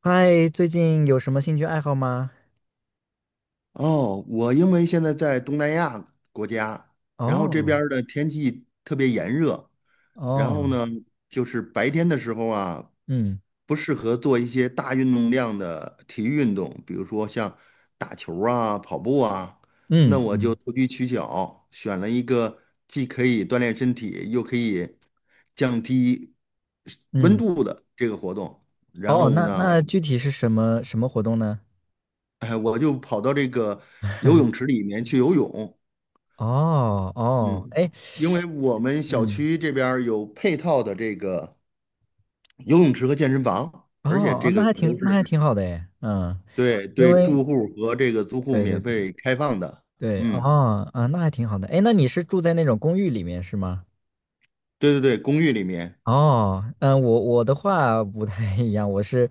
嗨，最近有什么兴趣爱好吗？哦，我因为现在在东南亚国家，然后这边哦，儿的天气特别炎热，然后哦，呢，就是白天的时候啊，嗯不适合做一些大运动量的体育运动，比如说像打球儿啊、跑步啊，那嗯我就嗯投机取巧，选了一个既可以锻炼身体，又可以降低温嗯，度的这个活动，然哦，后那呢，那具体是什么活动呢？哎，我就跑到这个游泳池里面去游泳。哦哦，嗯，哎，因为我们小嗯，区这边儿有配套的这个游泳池和健身房，而且哦，这那个还都挺那是还挺好的哎，嗯，对因对为住户和这个租户对对免对费开放的。对，嗯，哦啊，那还挺好的。哎，那你是住在那种公寓里面是吗？对对对，公寓里面，哦，嗯，我的话不太一样，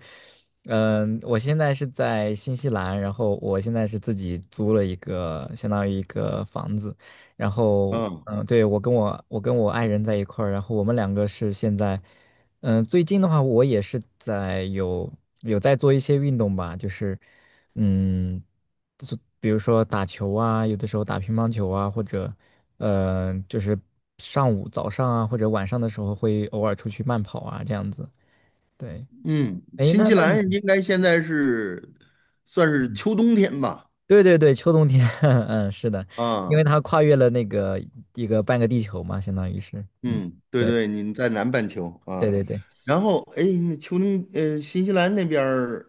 嗯，我现在是在新西兰，然后我现在是自己租了一个，相当于一个房子，然后，嗯嗯，对，我跟我爱人在一块儿，然后我们两个是现在，嗯，最近的话，我也是有在做一些运动吧，就是，嗯。就是比如说打球啊，有的时候打乒乓球啊，或者，就是上午、早上啊，或者晚上的时候会偶尔出去慢跑啊，这样子。对，嗯，哎，新那西那你兰应该现在是算是秋冬天吧？对对对，秋冬天，嗯，是的，因为啊，它跨越了那个一个半个地球嘛，相当于是，嗯，嗯，对对对，您在南半球对啊，对对，然后哎，那秋冬新西兰那边儿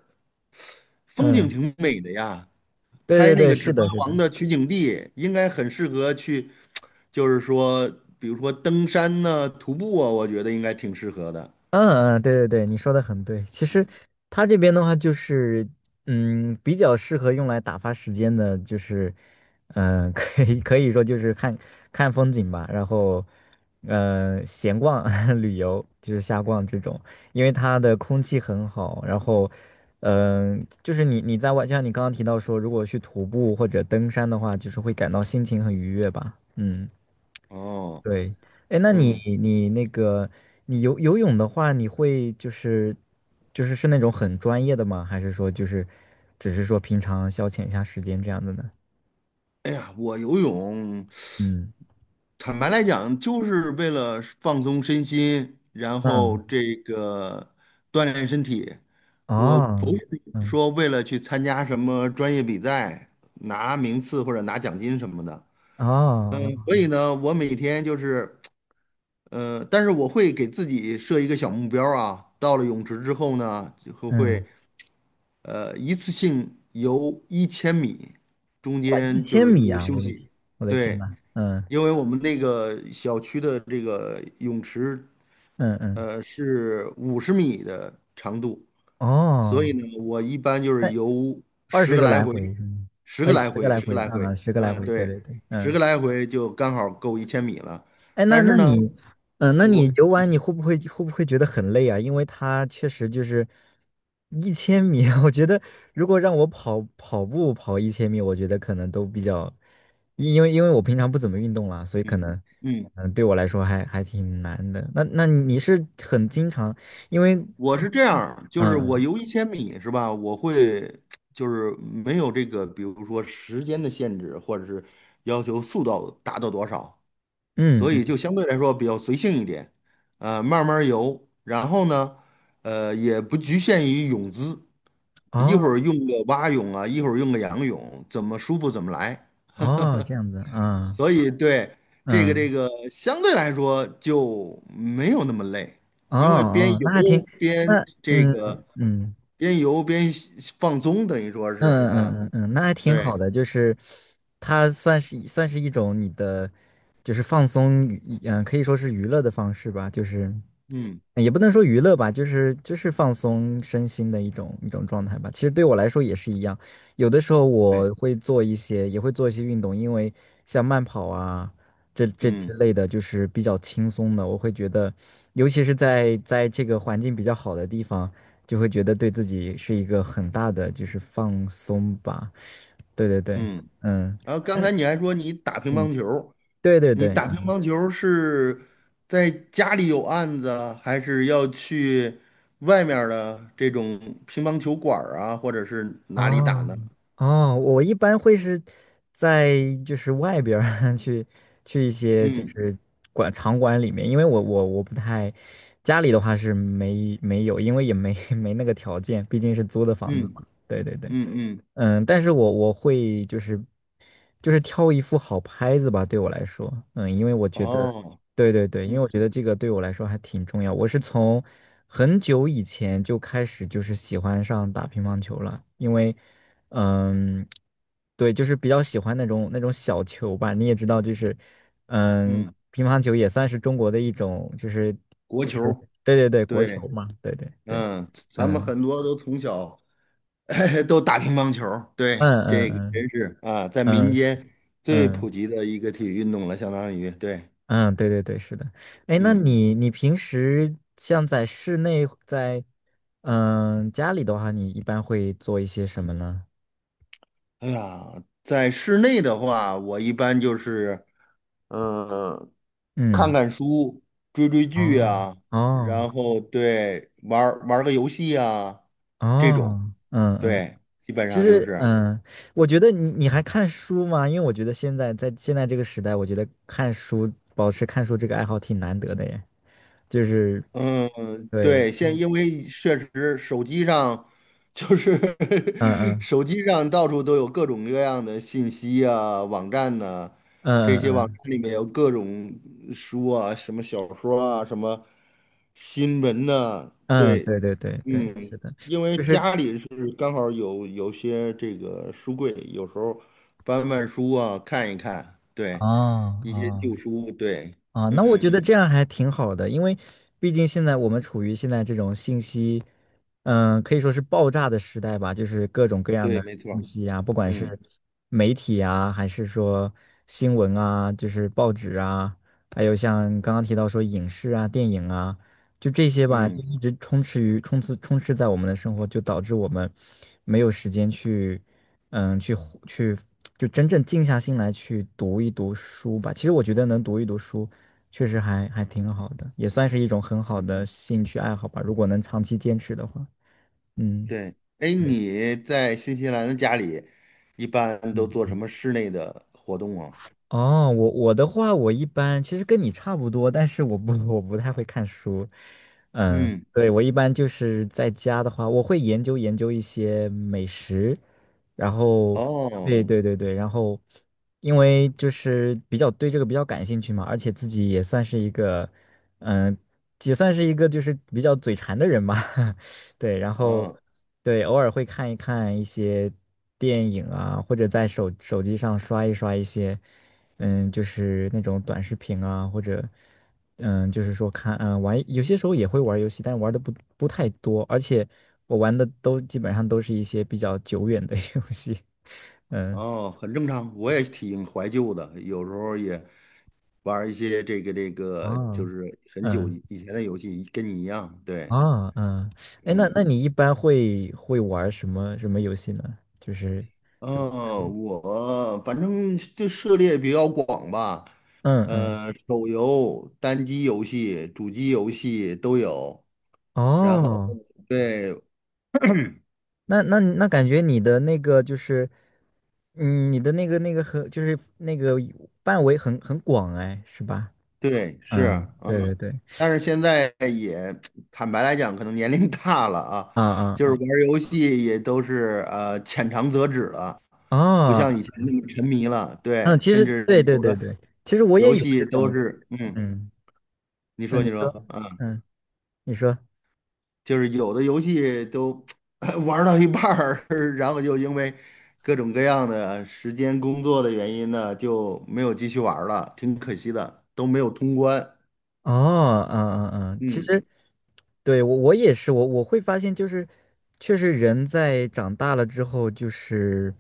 风景嗯，挺美的呀，拍对对那对，个《指是环的，是王》的，的取景地，应该很适合去，就是说，比如说登山呢、徒步啊，我觉得应该挺适合的。嗯嗯，对对对，你说的很对。其实它这边的话，就是嗯，比较适合用来打发时间的，就是可以说就是看看风景吧，然后闲逛 旅游，就是瞎逛这种。因为它的空气很好，然后就是你在外，就像你刚刚提到说，如果去徒步或者登山的话，就是会感到心情很愉悦吧。嗯哦，对，哎，那你嗯，你那个你游泳的话，你会就是是那种很专业的吗？还是说就是只是说平常消遣一下时间这样的呢？哎呀，我游泳，嗯坦白来讲，就是为了放松身心，然后嗯这个锻炼身体。我不哦是嗯说为了去参加什么专业比赛，拿名次或者拿奖金什么的。哦所以呢，我每天就是但是我会给自己设一个小目标儿啊，到了泳池之后呢，就会嗯，会呃一次性游一千米，中哇，一间就千是米不啊！休我的天，息。我的天对，呐，嗯因为我们那个小区的这个泳池，嗯嗯，是50米的长度，所哦，以呢，我一般就是那游二十十个个来来回，回是吗？十个哎，来十个回，来十个回来回，啊，十个来嗯，回，对对，对对，十嗯个来回就刚好够一千米了。哎，那但是那 呢，你，那你我游玩你会不会觉得很累啊？因为它确实就是一千米，我觉得如果让我跑步跑一千米，我觉得可能都比较，因为我平常不怎么运动啦，所以可嗯能，嗯。对我来说还挺难的。那你是很经常，因为我就是是这样新儿就是我嗯游一千米是吧？我会就是没有这个，比如说时间的限制，或者是要求速度达到多少，嗯所嗯，以就相对来说比较随性一点，慢慢儿游。然后呢，也不局限于泳姿，一哦会儿用个蛙泳啊，一会儿用个仰泳，怎么舒服怎么来。哦，这样子啊，所以对这个这嗯个相对来说就没有那么累，哦因为哦，那还挺，边那这嗯个。嗯。边游边放松，等于说是嗯啊，嗯嗯嗯，那还挺对，好的，就是它算是一种你的，就是放松可以说是娱乐的方式吧，就是。嗯，也不能说娱乐吧，就是放松身心的一种状态吧。其实对我来说也是一样，有的时候对，我会做一些，也会做一些运动，因为像慢跑啊，这之嗯类的，就是比较轻松的。我会觉得，尤其是在这个环境比较好的地方，就会觉得对自己是一个很大的就是放松吧。对对对，嗯。嗯然后刚才嗯你还说嗯，对对你对，打乒乓球是在家里有案子，还是要去外面儿的这种乒乓球馆儿啊，或者是哪里打哦呢？哦，我一般会是在就是外边儿 去一些就嗯是场馆里面，因为我不太家里的话是没有，因为也没 没那个条件，毕竟是租的房子嗯嘛。对对对。嗯嗯，嗯，但是我会就是挑一副好拍子吧，对我来说，嗯，因为我觉得，哦，对对对，因为嗯我觉得这个对我来说还挺重要。我是从很久以前就开始就是喜欢上打乒乓球了，因为，嗯，对，就是比较喜欢那种小球吧。你也知道，就是嗯，嗯，乒乓球也算是中国的一种，就是国就是球对对对，国球对，嘛，对对对，嗯，咱们嗯很多都从小 都打乒乓球儿对，嗯这个嗯真是啊，在民嗯间嗯最普嗯。及的一个体育运动了，相当于对，嗯，对对对，是的。哎，那嗯，你平时像在室内，在家里的话，你一般会做一些什么呢？哎呀，在室内的话，我一般就是嗯，看嗯，看书、追追剧哦啊，哦然后对玩儿玩儿个游戏啊，这种，哦，嗯嗯，对，基本其上就实是，嗯，我觉得你还看书吗？因为我觉得现在这个时代，我觉得看书保持看书这个爱好挺难得的耶。就是嗯、对，对，现在嗯因为确实手机上就是 嗯手机上到处都有各种各样的信息啊，网站呢，嗯这嗯些网站嗯里面有各种书啊，什么小说啊，什么新闻呐，嗯，对，对对对对，嗯，是的，因为就是家里是刚好有些这个书柜，有时候翻翻书啊，看一看，哦对，一些哦。旧书，对，啊，那我觉嗯，得这样还挺好的，因为毕竟现在我们处于现在这种信息，可以说是爆炸的时代吧，就是各种各样对，的没信错息啊，不管是嗯媒体啊，还是说新闻啊，就是报纸啊，还有像刚刚提到说影视啊、电影啊，就这些吧，就嗯一直充斥于充斥充斥在我们的生活，就导致我们没有时间去，嗯，去呼去就真正静下心来去读一读书吧。其实我觉得能读一读书，确实还挺好的，也算是一种很好嗯。的兴趣爱好吧。如果能长期坚持的话，嗯。对，哎，你在新西兰的家里一般都做什嗯么室内的活动啊？哦，我的话，我一般其实跟你差不多，但是我不太会看书。嗯，嗯，对，我一般就是在家的话，我会研究研究一些美食，然后，哦，对对对对，然后，因为就是比较对这个比较感兴趣嘛，而且自己嗯，也算是一个就是比较嘴馋的人吧，对，然后，哦，对，偶尔会看一看一些电影啊，或者在手机上刷一刷一些。嗯，就是那种短视频啊，或者就是说玩，有些时候也会玩游戏，但玩的不太多，而且我玩的都基本上都是一些比较久远的 游戏。嗯哦，很正常。我也挺怀旧的，有时候也玩儿一些这个这个，就啊是很久嗯以前的游戏，跟你一样。对，啊嗯，哎，那嗯，那你一般会玩什么游戏呢？就是哦，我反正这涉猎比较广吧，嗯嗯手游、单机游戏、主机游戏都有。然后，哦对那感觉你的就是，嗯，你的那个很就是范围很广哎，是吧？对，是，嗯，嗯。对对对，但是现在也坦白来讲，可能年龄 大了啊，啊啊就是啊，玩儿游戏也都是浅尝辄止了，不哦，像以前那么沉迷了。嗯，对，其实甚至对对有对的对，其实我也游有这戏都种，是，嗯，嗯，你那说你你说说，啊，嗯，你说。就是有的游戏都 玩儿到一半儿，然后就因为各种各样的时间、工作的原因呢，就没有继续玩儿了，挺可惜的，都没有通关。哦，嗯嗯嗯，其嗯实对我也是，我会发现就是，确实人在长大了之后，就是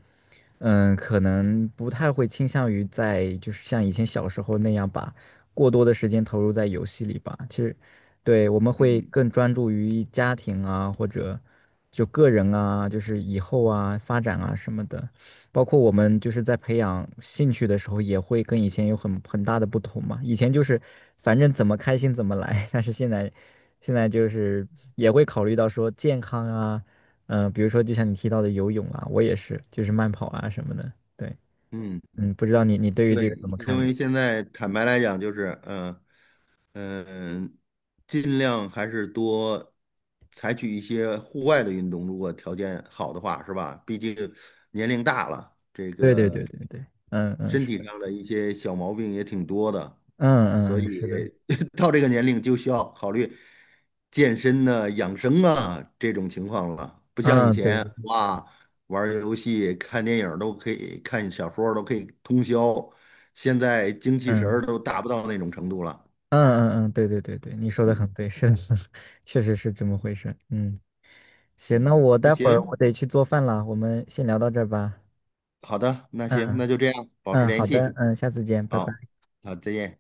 可能不太会倾向于在就是像以前小时候那样把过多的时间投入在游戏里吧。其实，对，我们会嗯更专注于家庭啊，或者就个人啊，就是以后啊发展啊什么的。包括我们就是在培养兴趣的时候，也会跟以前有很大的不同嘛。以前就是反正怎么开心怎么来，但是现在就是也会考虑到说健康啊，比如说就像你提到的游泳啊，我也是，就是慢跑啊什么的。对，嗯。嗯，不知道你对于对，这个怎么因看呢？为现在坦白来讲，就是嗯，呃尽量还是多采取一些户外的运动，如果条件好的话，是吧？毕竟年龄大了，对对对对对，嗯嗯身是体的，上的一些小毛病也挺多的，嗯所嗯嗯以 是的，到这个年龄就需要考虑健身呢、养生啊这种情况了。不像以嗯对，前，哇，玩儿游戏、看电影儿都可以，看小说儿都可以通宵，现在精气神嗯儿都达不到那种程度了。嗯嗯嗯对对对对，你说的嗯很对，是的，确实是这么回事，嗯。行，嗯，那我那待会儿我行，得去做饭了，我们先聊到这儿吧。好的，那嗯行，那就这样，保持嗯，联好的，系。嗯，下次见，拜拜。好，好，再见。